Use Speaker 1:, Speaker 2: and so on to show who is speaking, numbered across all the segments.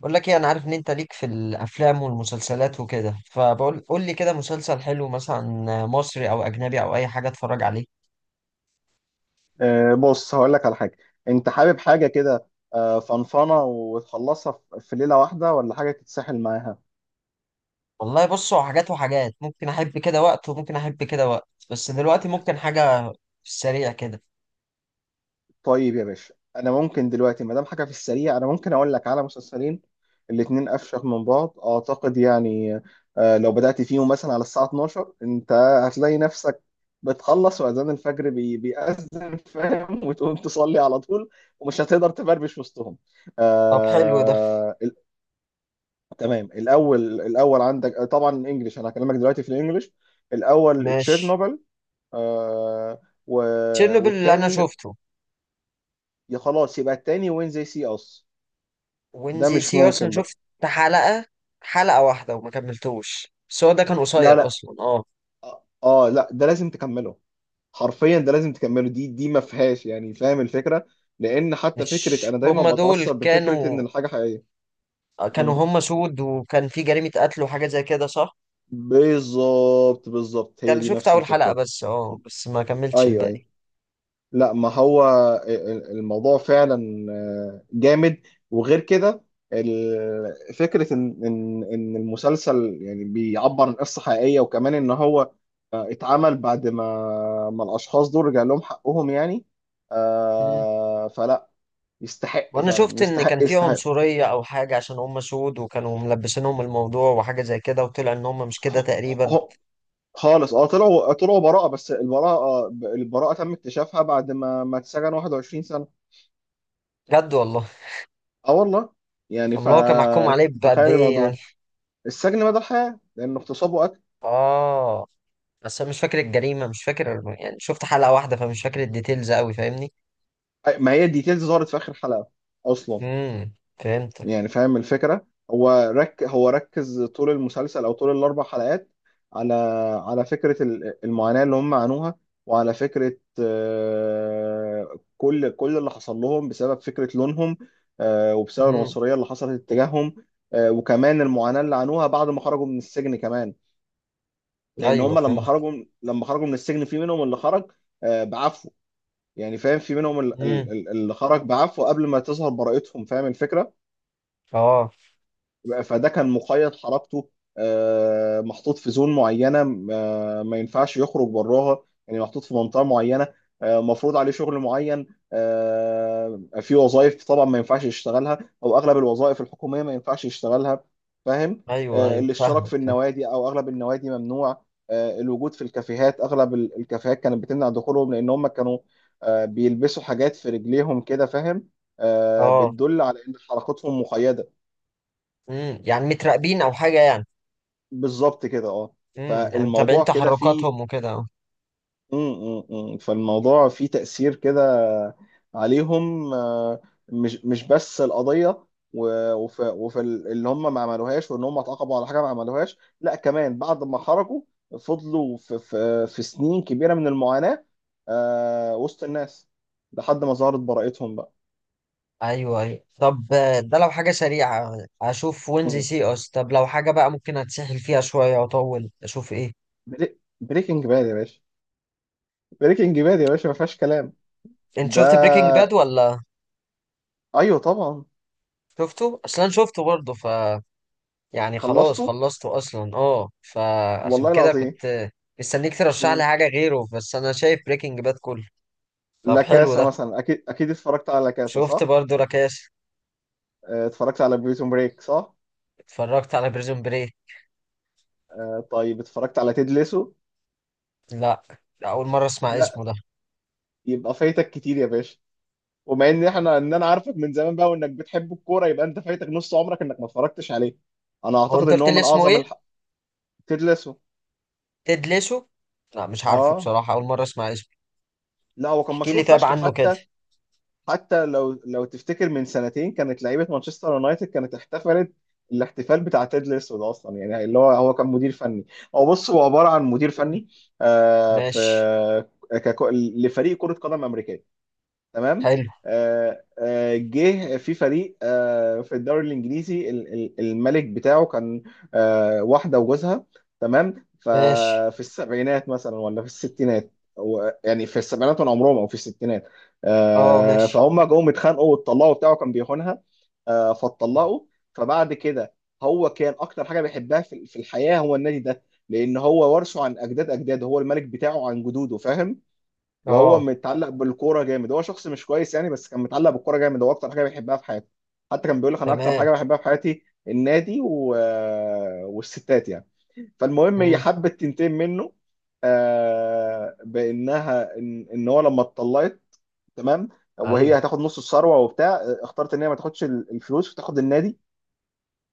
Speaker 1: بقول لك ايه؟ انا عارف ان انت ليك في الافلام والمسلسلات وكده، قول لي كده مسلسل حلو، مثلا مصري او اجنبي او اي حاجه اتفرج عليه.
Speaker 2: بص هقول لك على حاجة. انت حابب حاجة كده؟ فنفنة وتخلصها في ليلة واحدة ولا حاجة تتسحل معاها؟
Speaker 1: والله بص، هو حاجات وحاجات، ممكن احب كده وقت وممكن احب كده وقت، بس دلوقتي ممكن حاجه في السريع كده.
Speaker 2: طيب يا باشا، انا ممكن دلوقتي ما دام حاجة في السريع انا ممكن اقول لك على مسلسلين. الاتنين افشخ من بعض اعتقد، يعني لو بدأت فيهم مثلا على الساعة 12، انت هتلاقي نفسك بتخلص واذان الفجر بيأذن فاهم، وتقوم تصلي على طول ومش هتقدر تبربش وسطهم.
Speaker 1: طب حلو ده.
Speaker 2: آه، تمام. الاول عندك طبعا انجلش، انا هكلمك دلوقتي في الانجليش. الاول
Speaker 1: ماشي.
Speaker 2: تشيرنوبل. آه و...
Speaker 1: تشيرنوبل اللي انا
Speaker 2: والتاني
Speaker 1: شفته.
Speaker 2: يا خلاص يبقى التاني وين زي سي اس. ده
Speaker 1: وينزي
Speaker 2: مش
Speaker 1: سي اصلا
Speaker 2: ممكن بقى.
Speaker 1: شفت حلقه حلقه واحده وما كملتوش، بس هو ده كان
Speaker 2: لا
Speaker 1: قصير
Speaker 2: لا
Speaker 1: اصلا،
Speaker 2: اه لا، ده لازم تكمله. حرفيا ده لازم تكمله، دي ما فيهاش يعني، فاهم الفكره؟ لان حتى
Speaker 1: مش
Speaker 2: فكره انا دايما
Speaker 1: هما دول
Speaker 2: بتاثر بفكره ان
Speaker 1: كانوا،
Speaker 2: الحاجه حقيقيه. مم.
Speaker 1: هما سود وكان في جريمه قتل وحاجه زي كده، صح؟
Speaker 2: بالظبط بالظبط،
Speaker 1: ده
Speaker 2: هي
Speaker 1: انا
Speaker 2: دي
Speaker 1: شفت
Speaker 2: نفس
Speaker 1: اول حلقة
Speaker 2: الفكره.
Speaker 1: بس، بس ما كملتش
Speaker 2: ايوه
Speaker 1: الباقي.
Speaker 2: ايوه، لا ما هو الموضوع فعلا آه، جامد. وغير كده فكرة إن المسلسل يعني بيعبر عن قصة حقيقية، وكمان إن هو اتعمل بعد ما الأشخاص دول رجع لهم حقهم يعني.
Speaker 1: مم.
Speaker 2: فلا يستحق،
Speaker 1: وانا
Speaker 2: فعلا
Speaker 1: شفت ان كان
Speaker 2: يستحق
Speaker 1: في
Speaker 2: يستحق.
Speaker 1: عنصرية او حاجة عشان هم سود، وكانوا ملبسينهم الموضوع وحاجة زي كده، وطلع ان هم مش كده
Speaker 2: هو-
Speaker 1: تقريبا.
Speaker 2: هو- خالص. اه طلعوا براءة، بس البراءة تم اكتشافها بعد ما اتسجن 21 سنة.
Speaker 1: بجد والله.
Speaker 2: اه والله. يعني
Speaker 1: امال هو كان محكوم عليه بقد
Speaker 2: فتخيل
Speaker 1: ايه يعني؟
Speaker 2: الموضوع. السجن مدى الحياة لأن اغتصابه
Speaker 1: اه، بس انا مش فاكر الجريمة، مش فاكر، يعني شفت حلقة واحدة فمش فاكر الديتيلز قوي، فاهمني؟
Speaker 2: ما هي الديتيلز ظهرت في آخر حلقة أصلا.
Speaker 1: امم فهمتك.
Speaker 2: يعني فاهم الفكرة؟ هو هو ركز طول المسلسل أو طول الأربع حلقات على على فكرة المعاناة اللي هم عانوها، وعلى فكرة كل اللي حصل لهم بسبب فكرة لونهم، وبسبب
Speaker 1: امم
Speaker 2: العنصرية اللي حصلت اتجاههم. وكمان المعاناة اللي عانوها بعد ما خرجوا من السجن كمان. لأن
Speaker 1: ايوه
Speaker 2: هم لما
Speaker 1: فهمت.
Speaker 2: خرجوا، لما خرجوا من السجن، في منهم اللي خرج بعفو. يعني فاهم، في منهم
Speaker 1: امم،
Speaker 2: اللي خرج بعفو قبل ما تظهر براءتهم، فاهم الفكرة؟
Speaker 1: اه.
Speaker 2: فده كان مقيد حركته، محطوط في زون معينه. ما ينفعش يخرج براها، يعني محطوط في منطقه معينه. مفروض عليه شغل معين. في وظائف طبعا ما ينفعش يشتغلها، او اغلب الوظائف الحكوميه ما ينفعش يشتغلها، فاهم؟
Speaker 1: ايوه ايوه،
Speaker 2: الاشتراك
Speaker 1: فاهمك
Speaker 2: في
Speaker 1: فاهم.
Speaker 2: النوادي او اغلب النوادي ممنوع. الوجود في الكافيهات، اغلب الكافيهات كانت بتمنع دخولهم، لان هم كانوا بيلبسوا حاجات في رجليهم كده، فاهم،
Speaker 1: اه.
Speaker 2: بتدل على ان حركتهم مقيده.
Speaker 1: يعني متراقبين او حاجة يعني.
Speaker 2: بالظبط كده اه.
Speaker 1: يعني متابعين
Speaker 2: فالموضوع كده فيه
Speaker 1: تحركاتهم وكده.
Speaker 2: م- م- م. فالموضوع فيه تأثير كده عليهم آه، مش مش بس القضية. و- وف وفي اللي هم ما عملوهاش، وان هم اتعاقبوا على حاجة ما عملوهاش، لا كمان بعد ما خرجوا فضلوا في سنين كبيرة من المعاناة آه، وسط الناس، لحد ما ظهرت براءتهم بقى.
Speaker 1: ايوه ايوه. طب، ده لو حاجه سريعه اشوف وينزي
Speaker 2: م.
Speaker 1: سي اس، طب لو حاجه بقى ممكن اتسحل فيها شويه واطول، اشوف ايه؟
Speaker 2: بريكنج باد يا باشا. بريكنج باد يا باشا ما فيهاش كلام.
Speaker 1: انت
Speaker 2: ده؟
Speaker 1: شفت بريكنج باد ولا؟
Speaker 2: ايوه طبعا.
Speaker 1: شفته اصلا، شفته برضه، يعني خلاص
Speaker 2: خلصته
Speaker 1: خلصته اصلا، فعشان
Speaker 2: والله
Speaker 1: كده
Speaker 2: العظيم.
Speaker 1: كنت مستنيك ترشح لي
Speaker 2: مم.
Speaker 1: حاجه غيره، بس انا شايف بريكنج باد كله. طب
Speaker 2: لا
Speaker 1: حلو
Speaker 2: كاسا
Speaker 1: ده.
Speaker 2: مثلا، اكيد اتفرجت على لا كاسا
Speaker 1: شفت
Speaker 2: صح؟
Speaker 1: برضه راكاش.
Speaker 2: اتفرجت على بريزون بريك صح؟
Speaker 1: اتفرجت على بريزون بري.
Speaker 2: طيب اتفرجت على تيد ليسو؟
Speaker 1: لا، لا، اول مره اسمع
Speaker 2: لا.
Speaker 1: اسمه ده.
Speaker 2: يبقى فايتك كتير يا باشا. ومع ان احنا انا عارفك من زمان بقى وانك بتحب الكوره، يبقى انت فايتك نص عمرك انك ما اتفرجتش عليه. انا
Speaker 1: هو
Speaker 2: اعتقد
Speaker 1: انت
Speaker 2: ان
Speaker 1: قلت
Speaker 2: هو
Speaker 1: لي
Speaker 2: من
Speaker 1: اسمه
Speaker 2: اعظم
Speaker 1: ايه؟
Speaker 2: تيد ليسو.
Speaker 1: تدلسه؟ لا مش عارفه
Speaker 2: اه
Speaker 1: بصراحه، اول مره اسمع اسمه.
Speaker 2: لا، هو كان
Speaker 1: احكي لي
Speaker 2: مشهور
Speaker 1: طيب
Speaker 2: فشخ
Speaker 1: عنه كده.
Speaker 2: حتى. حتى لو تفتكر من سنتين كانت لعيبه مانشستر يونايتد كانت احتفلت الاحتفال بتاع تيد الاسود اصلا، يعني اللي هو كان مدير فني. هو بص، هو عباره عن مدير
Speaker 1: مم.
Speaker 2: فني آه،
Speaker 1: ماشي.
Speaker 2: في ككو- لفريق كره قدم امريكيه. تمام.
Speaker 1: حلو.
Speaker 2: جه في فريق آه، في الدوري الانجليزي، الملك بتاعه كان واحده وجوزها. تمام.
Speaker 1: ماشي.
Speaker 2: ففي السبعينات مثلا ولا في الستينات، يعني في السبعينات من عمرهم او في الستينات.
Speaker 1: اه. ماشي.
Speaker 2: فهم جم اتخانقوا واتطلقوا، بتاعه كان بيخونها، فاتطلقوا. فبعد كده هو كان اكتر حاجه بيحبها في الحياه هو النادي ده، لان هو ورثه عن اجداد اجداده، هو الملك بتاعه عن جدوده فاهم؟ وهو
Speaker 1: اه.
Speaker 2: متعلق بالكوره جامد. هو شخص مش كويس يعني، بس كان متعلق بالكوره جامد، هو اكتر حاجه بيحبها في حياته. حتى كان بيقول لك انا اكتر
Speaker 1: تمام.
Speaker 2: حاجه بحبها في حياتي النادي والستات يعني. فالمهم هي
Speaker 1: امم.
Speaker 2: حبت تنتقم منه، بانها إن هو لما اتطلقت، تمام،
Speaker 1: ايوه.
Speaker 2: وهي هتاخد نص الثروه وبتاع، اختارت ان هي ما تاخدش الفلوس وتاخد النادي،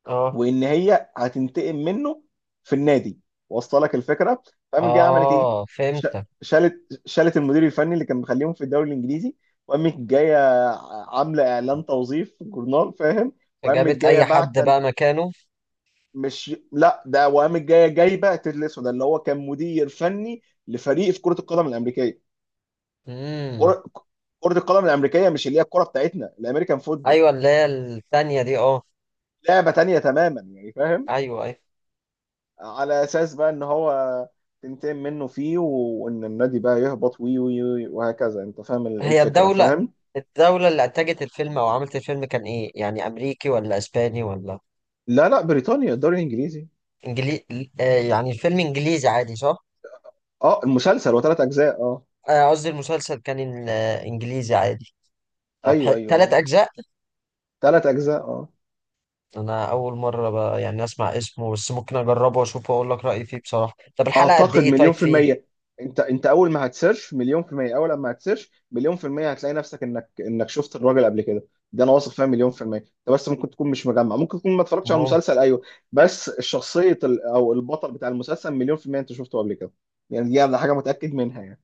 Speaker 1: اه.
Speaker 2: وان هي هتنتقم منه في النادي. واصله لك الفكره؟ فقامت جايه عملت ايه؟
Speaker 1: اه،
Speaker 2: ش-
Speaker 1: فهمتك.
Speaker 2: شالت المدير الفني اللي كان مخليهم في الدوري الانجليزي، وقامت جايه عامله اعلان توظيف في الجورنال فاهم، وقامت
Speaker 1: فجابت
Speaker 2: جايه
Speaker 1: اي حد
Speaker 2: بعت.
Speaker 1: بقى مكانه؟
Speaker 2: مش لا، ده وقامت جايه جايبه تيد الاسود اللي هو كان مدير فني لفريق في كره القدم الامريكيه.
Speaker 1: امم.
Speaker 2: كره كرة القدم الامريكيه، مش اللي هي الكره بتاعتنا، الامريكان فوتبول.
Speaker 1: ايوه، اللي هي الثانيه دي، اه.
Speaker 2: لعبه تانيه تماما يعني، فاهم؟
Speaker 1: ايوه ايوه.
Speaker 2: على اساس بقى ان هو تنتقم منه فيه، وان النادي بقى يهبط وي وهكذا. انت فاهم
Speaker 1: هي
Speaker 2: الفكره،
Speaker 1: الدوله
Speaker 2: فاهم؟
Speaker 1: الدوله اللي انتجت الفيلم او عملت الفيلم كان ايه، يعني امريكي ولا اسباني ولا
Speaker 2: لا لا، بريطانيا، الدوري الانجليزي.
Speaker 1: انجلي آه يعني الفيلم انجليزي عادي، صح؟
Speaker 2: اه المسلسل وثلاث اجزاء اه.
Speaker 1: قصدي المسلسل كان، انجليزي عادي. طب
Speaker 2: ايوه
Speaker 1: تلات
Speaker 2: اه،
Speaker 1: اجزاء.
Speaker 2: ثلاث اجزاء اه.
Speaker 1: انا اول مره بقى يعني اسمع اسمه، بس ممكن اجربه واشوفه واقول لك رايي فيه بصراحه. طب الحلقه قد
Speaker 2: اعتقد
Speaker 1: ايه؟ طيب
Speaker 2: مليون في
Speaker 1: فيه.
Speaker 2: المية. انت اول ما هتسيرش مليون في المية، اول ما هتسيرش مليون في المية هتلاقي نفسك انك شفت الراجل قبل كده. ده انا واثق فيها مليون في المية. انت بس ممكن تكون مش مجمع، ممكن تكون ما اتفرجتش على
Speaker 1: ممكن.
Speaker 2: المسلسل، ايوه، بس الشخصية او البطل بتاع المسلسل مليون في المية انت شفته قبل كده. يعني دي حاجة متأكد منها يعني.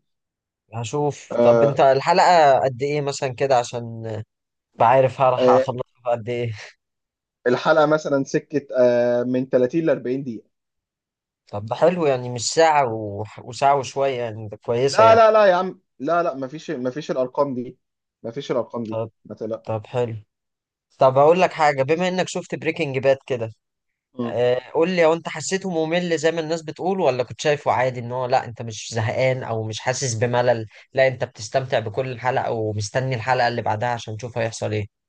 Speaker 1: هشوف. طب انت
Speaker 2: آه.
Speaker 1: الحلقه قد ايه مثلا كده، عشان بعرف هلحق
Speaker 2: آه.
Speaker 1: اخلصها في قد ايه.
Speaker 2: الحلقة مثلا سكة آه من 30 ل 40 دقيقة.
Speaker 1: طب ده حلو، يعني مش ساعه وساعه وشويه يعني، ده كويسه
Speaker 2: لا
Speaker 1: يعني.
Speaker 2: لا لا يا عم، لا مفيش، مفيش الارقام دي. مفيش الارقام دي،
Speaker 1: طب.
Speaker 2: ما تقلقش.
Speaker 1: طب حلو. طب اقول لك حاجه، بما انك شفت بريكنج باد كده، قول لي، هو انت حسيته ممل زي ما الناس بتقول ولا كنت شايفه عادي؟ ان هو لا، انت مش زهقان او مش حاسس بملل، لا، انت بتستمتع بكل حلقة ومستني الحلقة اللي بعدها عشان تشوف هيحصل ايه.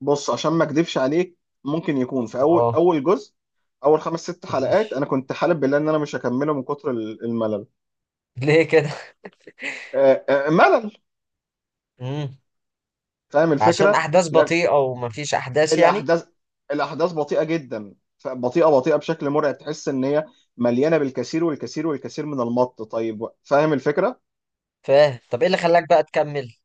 Speaker 2: بص، عشان ما اكدبش عليك، ممكن يكون في اول
Speaker 1: اه،
Speaker 2: جزء، اول خمس ست حلقات،
Speaker 1: ماشي.
Speaker 2: انا كنت حالب بالله ان انا مش هكمله من كتر الملل.
Speaker 1: ليه كده؟
Speaker 2: ملل.
Speaker 1: امم
Speaker 2: فاهم
Speaker 1: عشان
Speaker 2: الفكره؟
Speaker 1: احداث
Speaker 2: لا
Speaker 1: بطيئة ومفيش احداث يعني.
Speaker 2: الاحداث الاحداث بطيئه جدا، بطيئه بشكل مرعب، تحس ان هي مليانه بالكثير والكثير والكثير من المط طيب، فاهم الفكره؟
Speaker 1: فاهم. طب ايه اللي خلاك بقى تكمل؟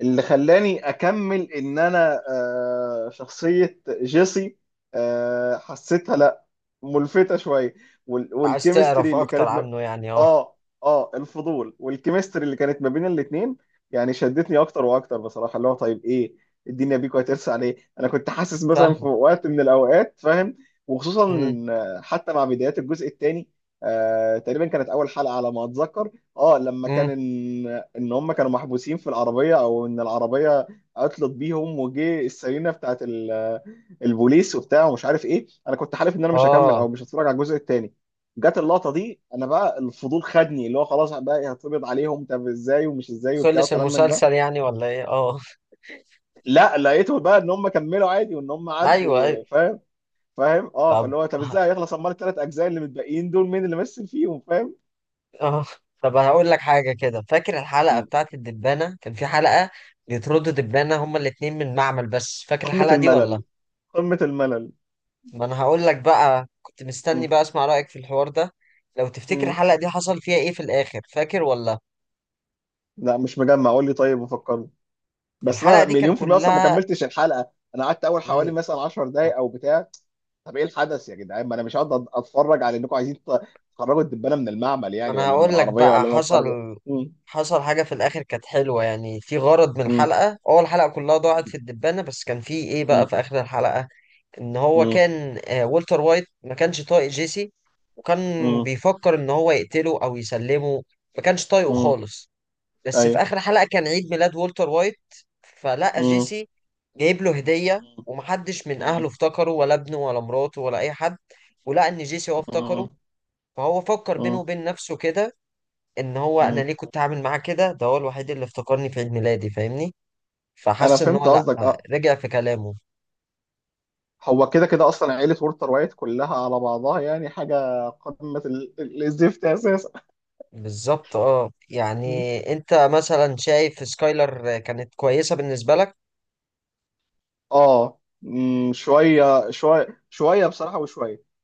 Speaker 2: اللي خلاني اكمل ان انا آه، شخصية جيسي حسيتها، لا، ملفتة شوية،
Speaker 1: عايز
Speaker 2: والكيمستري
Speaker 1: تعرف
Speaker 2: اللي
Speaker 1: اكتر
Speaker 2: كانت ما...
Speaker 1: عنه يعني، اه.
Speaker 2: اه. اه الفضول والكيمستري اللي كانت ما بين الاتنين يعني شدتني اكتر واكتر بصراحة. اللي هو طيب ايه الدنيا بيكو هترسى على ايه، انا كنت حاسس مثلا في
Speaker 1: فاهمك.
Speaker 2: وقت من الاوقات فاهم. وخصوصا
Speaker 1: امم.
Speaker 2: إن حتى مع بدايات الجزء الثاني آه تقريبا كانت اول حلقة على ما اتذكر، اه لما كان
Speaker 1: امم.
Speaker 2: ان هم كانوا محبوسين في العربيه، او ان العربيه عطلت بيهم وجه السيرينا بتاعت البوليس وبتاع ومش عارف ايه، انا كنت حالف ان انا مش هكمل
Speaker 1: اه.
Speaker 2: او مش هتفرج على الجزء الثاني. جت اللقطه دي، انا بقى الفضول خدني، اللي هو خلاص بقى إيه، هتقبض عليهم طب ازاي ومش ازاي وبتاع
Speaker 1: خلص
Speaker 2: وكلام من ده.
Speaker 1: المسلسل يعني ولا ايه؟ اه.
Speaker 2: لا لقيته بقى ان هم كملوا عادي وان هم
Speaker 1: ايوه
Speaker 2: عدوا
Speaker 1: ايوه.
Speaker 2: فاهم. فاهم اه،
Speaker 1: طب،
Speaker 2: فاللي هو طب ازاي هيخلص، امال الثلاث اجزاء اللي متبقيين دول مين اللي مثل فيهم فاهم.
Speaker 1: اه طب هقول لك حاجة كده. فاكر الحلقة
Speaker 2: م.
Speaker 1: بتاعت الدبانة؟ كان في حلقة بيطردوا دبانة هما الاتنين من المعمل، بس فاكر
Speaker 2: قمه
Speaker 1: الحلقة دي
Speaker 2: الملل،
Speaker 1: ولا؟
Speaker 2: قمه الملل.
Speaker 1: ما انا هقول لك بقى، كنت
Speaker 2: م.
Speaker 1: مستني بقى اسمع رأيك في الحوار ده. لو تفتكر
Speaker 2: م.
Speaker 1: الحلقة دي حصل فيها ايه في الآخر، فاكر ولا؟
Speaker 2: لا مش مجمع، قول لي طيب وفكرني. بس
Speaker 1: الحلقة
Speaker 2: انا
Speaker 1: دي كان
Speaker 2: مليون في المية اصلا ما
Speaker 1: كلها
Speaker 2: كملتش الحلقة. انا قعدت اول حوالي
Speaker 1: ال-
Speaker 2: مثلا 10 دقايق او بتاع. طب ايه الحدث يا جدعان، ما انا مش هقعد اتفرج على انكم عايزين تخرجوا الدبانة من المعمل،
Speaker 1: ما
Speaker 2: يعني
Speaker 1: انا
Speaker 2: ولا من
Speaker 1: هقول لك
Speaker 2: العربية
Speaker 1: بقى،
Speaker 2: ولا من الخر
Speaker 1: حصل.
Speaker 2: ده. مم.
Speaker 1: حصل حاجة في الآخر كانت حلوة، يعني في غرض من
Speaker 2: مم.
Speaker 1: الحلقة. أول الحلقة كلها ضاعت في الدبانة، بس كان في ايه بقى
Speaker 2: مم.
Speaker 1: في آخر الحلقة؟ ان هو
Speaker 2: مم.
Speaker 1: كان، والتر وايت ما كانش طايق جيسي، وكان
Speaker 2: مم.
Speaker 1: بيفكر ان هو يقتله او يسلمه، ما كانش طايقه
Speaker 2: مم.
Speaker 1: خالص. بس في
Speaker 2: ايوه.
Speaker 1: اخر حلقة كان عيد ميلاد والتر وايت، فلقى
Speaker 2: مم.
Speaker 1: جيسي جايب له هدية،
Speaker 2: مم.
Speaker 1: ومحدش من اهله افتكره ولا ابنه ولا مراته ولا اي حد. ولقى ان جيسي هو افتكره.
Speaker 2: مم.
Speaker 1: فهو فكر بينه
Speaker 2: مم.
Speaker 1: وبين نفسه كده، ان هو، انا
Speaker 2: مم.
Speaker 1: ليه كنت عامل معاه كده؟ ده هو الوحيد اللي افتكرني في عيد ميلادي، فاهمني؟
Speaker 2: انا
Speaker 1: فحس ان هو
Speaker 2: فهمت
Speaker 1: لا،
Speaker 2: قصدك اه.
Speaker 1: رجع في كلامه.
Speaker 2: هو كده كده اصلا عيلة وولتر وايت كلها على بعضها، يعني حاجة قمة الزفت اساسا.
Speaker 1: بالظبط اه. يعني انت مثلا شايف سكايلر كانت كويسة بالنسبة لك؟
Speaker 2: اه مم، شويه بصراحه وشويه